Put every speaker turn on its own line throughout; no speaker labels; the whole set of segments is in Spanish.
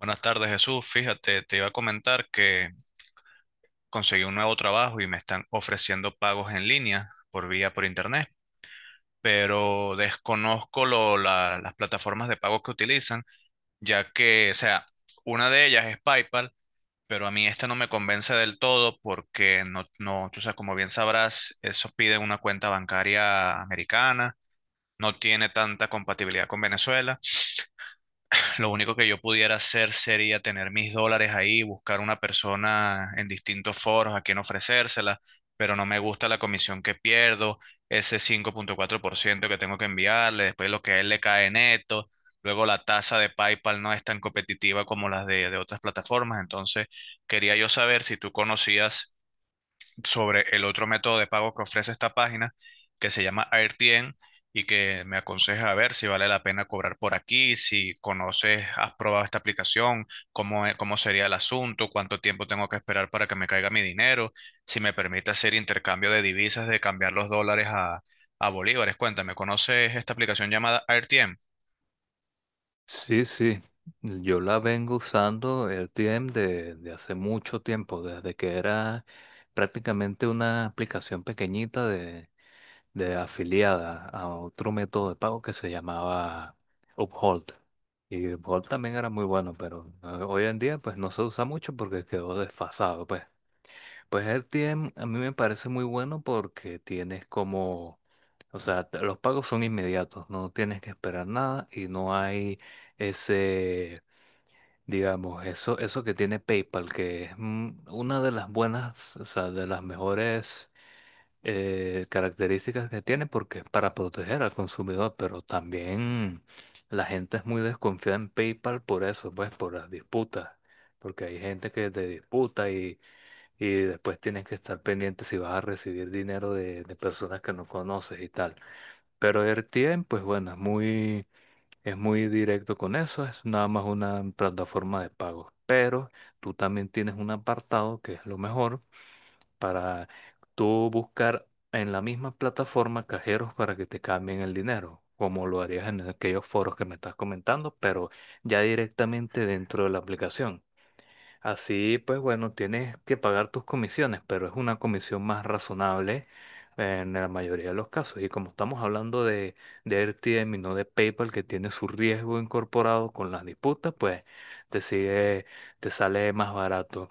Buenas tardes, Jesús. Fíjate, te iba a comentar que conseguí un nuevo trabajo y me están ofreciendo pagos en línea por internet, pero desconozco las plataformas de pago que utilizan, ya que, o sea, una de ellas es PayPal, pero a mí esta no me convence del todo porque no, no, tú sabes, como bien sabrás, eso pide una cuenta bancaria americana, no tiene tanta compatibilidad con Venezuela. Lo único que yo pudiera hacer sería tener mis dólares ahí, buscar una persona en distintos foros a quien ofrecérsela, pero no me gusta la comisión que pierdo, ese 5,4% que tengo que enviarle, después lo que a él le cae neto, luego la tasa de PayPal no es tan competitiva como las de otras plataformas, entonces quería yo saber si tú conocías sobre el otro método de pago que ofrece esta página, que se llama AirTien y que me aconseja a ver si vale la pena cobrar por aquí, si conoces, has probado esta aplicación, cómo sería el asunto, cuánto tiempo tengo que esperar para que me caiga mi dinero, si me permite hacer intercambio de divisas, de cambiar los dólares a bolívares. Cuéntame, ¿conoces esta aplicación llamada AirTien?
Sí, sí, yo la vengo usando AirTM de hace mucho tiempo, desde que era prácticamente una aplicación pequeñita de afiliada a otro método de pago que se llamaba Uphold. Y Uphold también era muy bueno, pero hoy en día pues no se usa mucho porque quedó desfasado, pues. Pues AirTM a mí me parece muy bueno porque tienes como, o sea, los pagos son inmediatos, no tienes que esperar nada y no hay ese, digamos, eso que tiene PayPal, que es una de las buenas, o sea, de las mejores características que tiene porque es para proteger al consumidor, pero también la gente es muy desconfiada en PayPal por eso, pues por las disputas, porque hay gente que te disputa y después tienes que estar pendiente si vas a recibir dinero de personas que no conoces y tal. Pero RTM, pues bueno, es muy directo con eso, es nada más una plataforma de pago. Pero tú también tienes un apartado que es lo mejor para tú buscar en la misma plataforma cajeros para que te cambien el dinero, como lo harías en aquellos foros que me estás comentando, pero ya directamente dentro de la aplicación. Así, pues bueno, tienes que pagar tus comisiones, pero es una comisión más razonable en la mayoría de los casos. Y como estamos hablando de RTM y no de PayPal, que tiene su riesgo incorporado con las disputas, pues te sigue, te sale más barato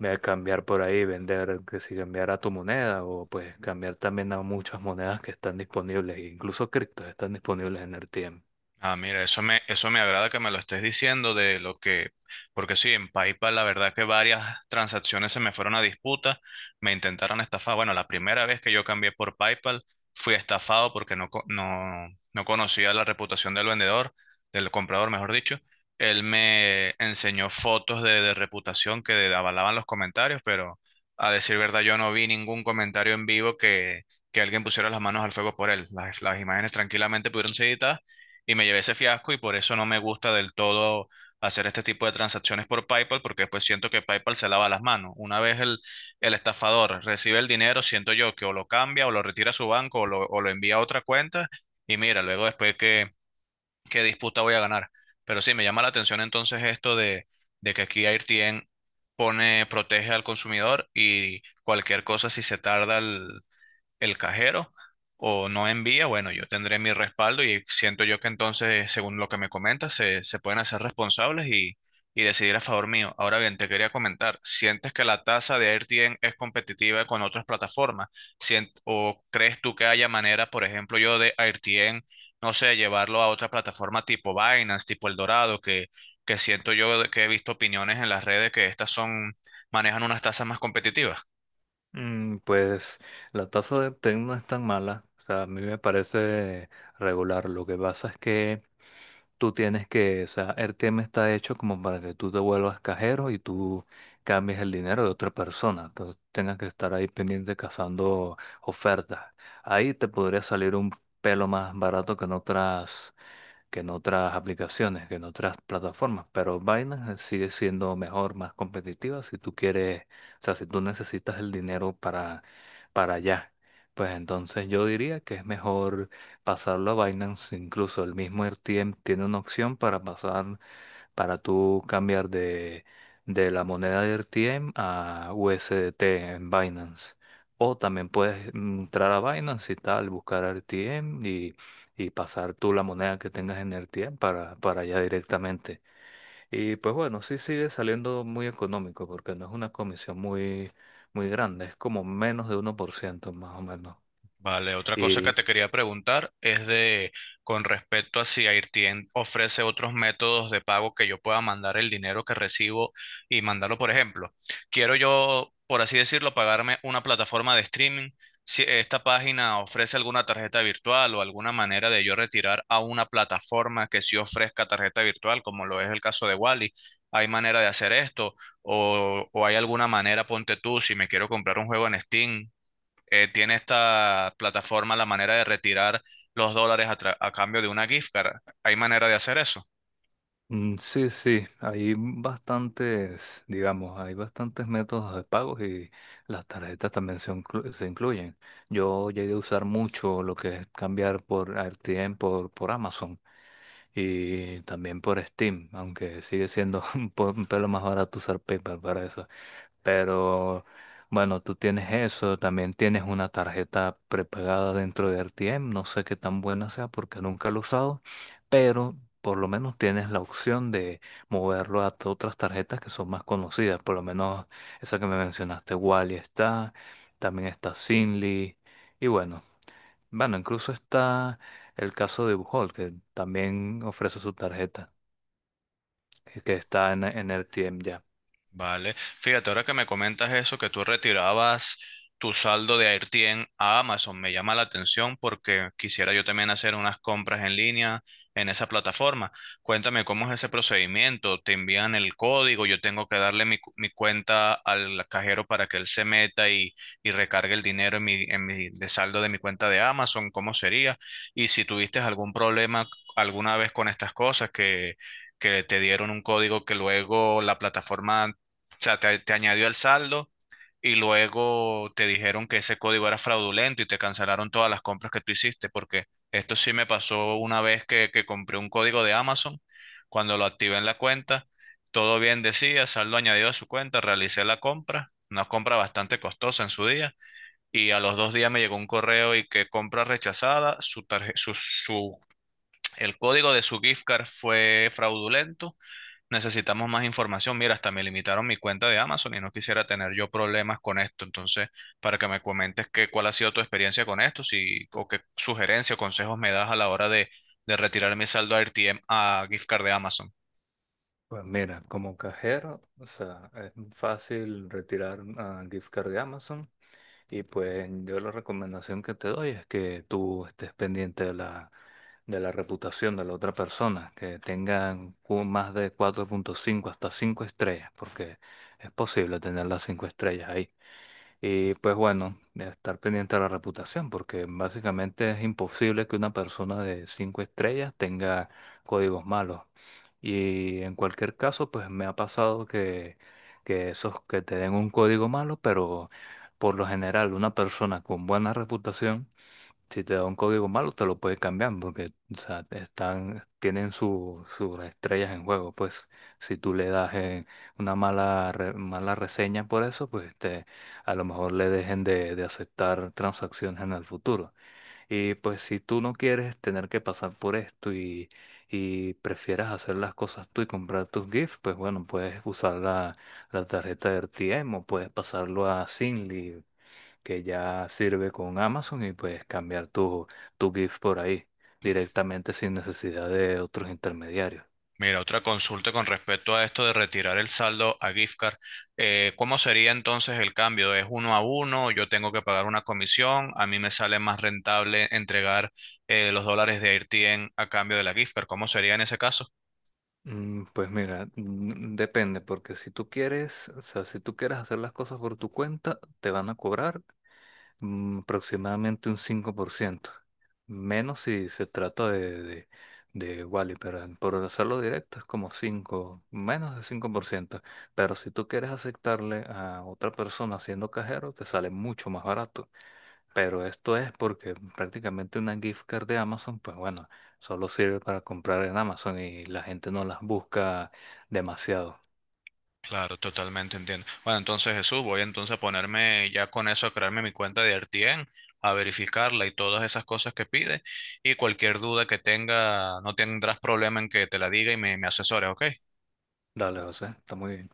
cambiar por ahí, vender, que si cambiar a tu moneda o pues cambiar también a muchas monedas que están disponibles, incluso criptos están disponibles en RTM.
Ah, mira, eso me agrada que me lo estés diciendo de lo que, porque sí, en PayPal la verdad que varias transacciones se me fueron a disputa, me intentaron estafar. Bueno, la primera vez que yo cambié por PayPal fui estafado porque no, no conocía la reputación del vendedor, del comprador, mejor dicho. Él me enseñó fotos de reputación que avalaban los comentarios, pero a decir verdad yo no vi ningún comentario en vivo que alguien pusiera las manos al fuego por él. Las imágenes tranquilamente pudieron ser editadas y me llevé ese fiasco y por eso no me gusta del todo hacer este tipo de transacciones por PayPal porque después siento que PayPal se lava las manos. Una vez el estafador recibe el dinero, siento yo que o lo cambia o lo retira a su banco o lo envía a otra cuenta y mira, luego después qué disputa voy a ganar. Pero sí, me llama la atención entonces esto de que aquí AirTien pone, protege al consumidor y cualquier cosa si se tarda el cajero o no envía, bueno, yo tendré mi respaldo y siento yo que entonces, según lo que me comentas, se pueden hacer responsables y decidir a favor mío. Ahora bien, te quería comentar, ¿sientes que la tasa de AirTM es competitiva con otras plataformas? ¿O crees tú que haya manera, por ejemplo, yo de AirTM, no sé, llevarlo a otra plataforma tipo Binance, tipo Eldorado, que siento yo de que he visto opiniones en las redes que estas son, manejan unas tasas más competitivas?
Mm, pues la tasa de TEC no es tan mala, o sea, a mí me parece regular. Lo que pasa es que tú tienes que, o sea, el tema está hecho como para que tú te vuelvas cajero y tú cambies el dinero de otra persona, entonces tengas que estar ahí pendiente cazando ofertas. Ahí te podría salir un pelo más barato que en otras aplicaciones, que en otras plataformas, pero Binance sigue siendo mejor, más competitiva si tú quieres, o sea, si tú necesitas el dinero para allá. Pues entonces yo diría que es mejor pasarlo a Binance, incluso el mismo RTM tiene una opción para pasar para tú cambiar de la moneda de RTM a USDT en Binance. O también puedes entrar a Binance y tal, buscar RTM y pasar tú la moneda que tengas en RTM para allá directamente. Y pues bueno, sí sigue saliendo muy económico porque no es una comisión muy grande, es como menos de uno por ciento más o menos.
Vale, otra cosa que te quería preguntar es de con respecto a si Airtien ofrece otros métodos de pago que yo pueda mandar el dinero que recibo y mandarlo, por ejemplo. Quiero yo, por así decirlo, pagarme una plataforma de streaming. Si esta página ofrece alguna tarjeta virtual o alguna manera de yo retirar a una plataforma que sí ofrezca tarjeta virtual, como lo es el caso de Wally, ¿hay manera de hacer esto? ¿O hay alguna manera, ponte tú, si me quiero comprar un juego en Steam? Tiene esta plataforma la manera de retirar los dólares a cambio de una gift card. ¿Hay manera de hacer eso?
Mm, sí, sí, hay bastantes, digamos, hay bastantes métodos de pagos y las tarjetas también se incluyen. Yo llegué a usar mucho lo que es cambiar por RTM, por Amazon y también por Steam, aunque sigue siendo un pelo más barato usar PayPal para eso. Pero bueno, tú tienes eso, también tienes una tarjeta prepagada dentro de R T M, no sé qué tan buena sea porque nunca lo he usado, pero por lo menos tienes la opción de moverlo a otras tarjetas que son más conocidas, por lo menos esa que me mencionaste. Wally está, también está Sinly, y bueno, incluso está el caso de Buchholz, que también ofrece su tarjeta, que está en R T M ya.
Vale, fíjate, ahora que me comentas eso, que tú retirabas tu saldo de AirTien a Amazon, me llama la atención porque quisiera yo también hacer unas compras en línea en esa plataforma. Cuéntame cómo es ese procedimiento, te envían el código, yo tengo que darle mi cuenta al cajero para que él se meta y recargue el dinero de saldo de mi cuenta de Amazon, ¿cómo sería? Y si tuviste algún problema alguna vez con estas cosas que te dieron un código que luego la plataforma, o sea, te añadió al saldo y luego te dijeron que ese código era fraudulento y te cancelaron todas las compras que tú hiciste, porque esto sí me pasó una vez que compré un código de Amazon, cuando lo activé en la cuenta, todo bien decía, saldo añadido a su cuenta, realicé la compra, una compra bastante costosa en su día, y a los 2 días me llegó un correo y que compra rechazada, su tarje- su, el código de su gift card fue fraudulento, necesitamos más información. Mira, hasta me limitaron mi cuenta de Amazon y no quisiera tener yo problemas con esto. Entonces, para que me comentes cuál ha sido tu experiencia con esto, si, o qué sugerencia o consejos me das a la hora de retirar mi saldo a RTM a gift card de Amazon.
Pues mira, como cajero, o sea, es fácil retirar gift card de Amazon y pues yo la recomendación que te doy es que tú estés pendiente de la reputación de la otra persona, que tengan más de 4.5 hasta 5 estrellas, porque es posible tener las 5 estrellas ahí. Y pues bueno, de estar pendiente de la reputación, porque básicamente es imposible que una persona de cinco estrellas tenga códigos malos. Y en cualquier caso, pues me ha pasado que esos que te den un código malo, pero por lo general una persona con buena reputación si te da un código malo, te lo puede cambiar porque, o sea, tienen sus estrellas en juego. Pues si tú le das una mala reseña por eso, pues te, a lo mejor le dejen de aceptar transacciones en el futuro. Y pues si tú no quieres tener que pasar por esto y prefieres hacer las cosas tú y comprar tus GIFs, pues bueno, puedes usar la, la tarjeta de RTM o puedes pasarlo a Zinli que ya sirve con Amazon y pues cambiar tu GIF por ahí directamente sin necesidad de otros intermediarios.
Mira, otra consulta con respecto a esto de retirar el saldo a gift card. ¿Cómo sería entonces el cambio? ¿Es uno a uno? ¿Yo tengo que pagar una comisión? ¿A mí me sale más rentable entregar los dólares de RTM a cambio de la gift card? ¿Cómo sería en ese caso?
Mm, pues mira, mm, depende, porque si tú quieres, o sea, si tú quieres hacer las cosas por tu cuenta, te van a cobrar aproximadamente un 5% menos si se trata de Wally, pero por hacerlo directo es como 5 menos de cinco por ciento, pero si tú quieres aceptarle a otra persona siendo cajero, te sale mucho más barato. Pero esto es porque prácticamente una gift card de Amazon, pues bueno, solo sirve para comprar en Amazon y la gente no las busca demasiado.
Claro, totalmente entiendo. Bueno, entonces Jesús, voy entonces a ponerme ya con eso, a crearme mi cuenta de RTN, a verificarla y todas esas cosas que pide. Y cualquier duda que tenga, no tendrás problema en que te la diga y me asesores, ¿ok?
Dale, José, está muy bien.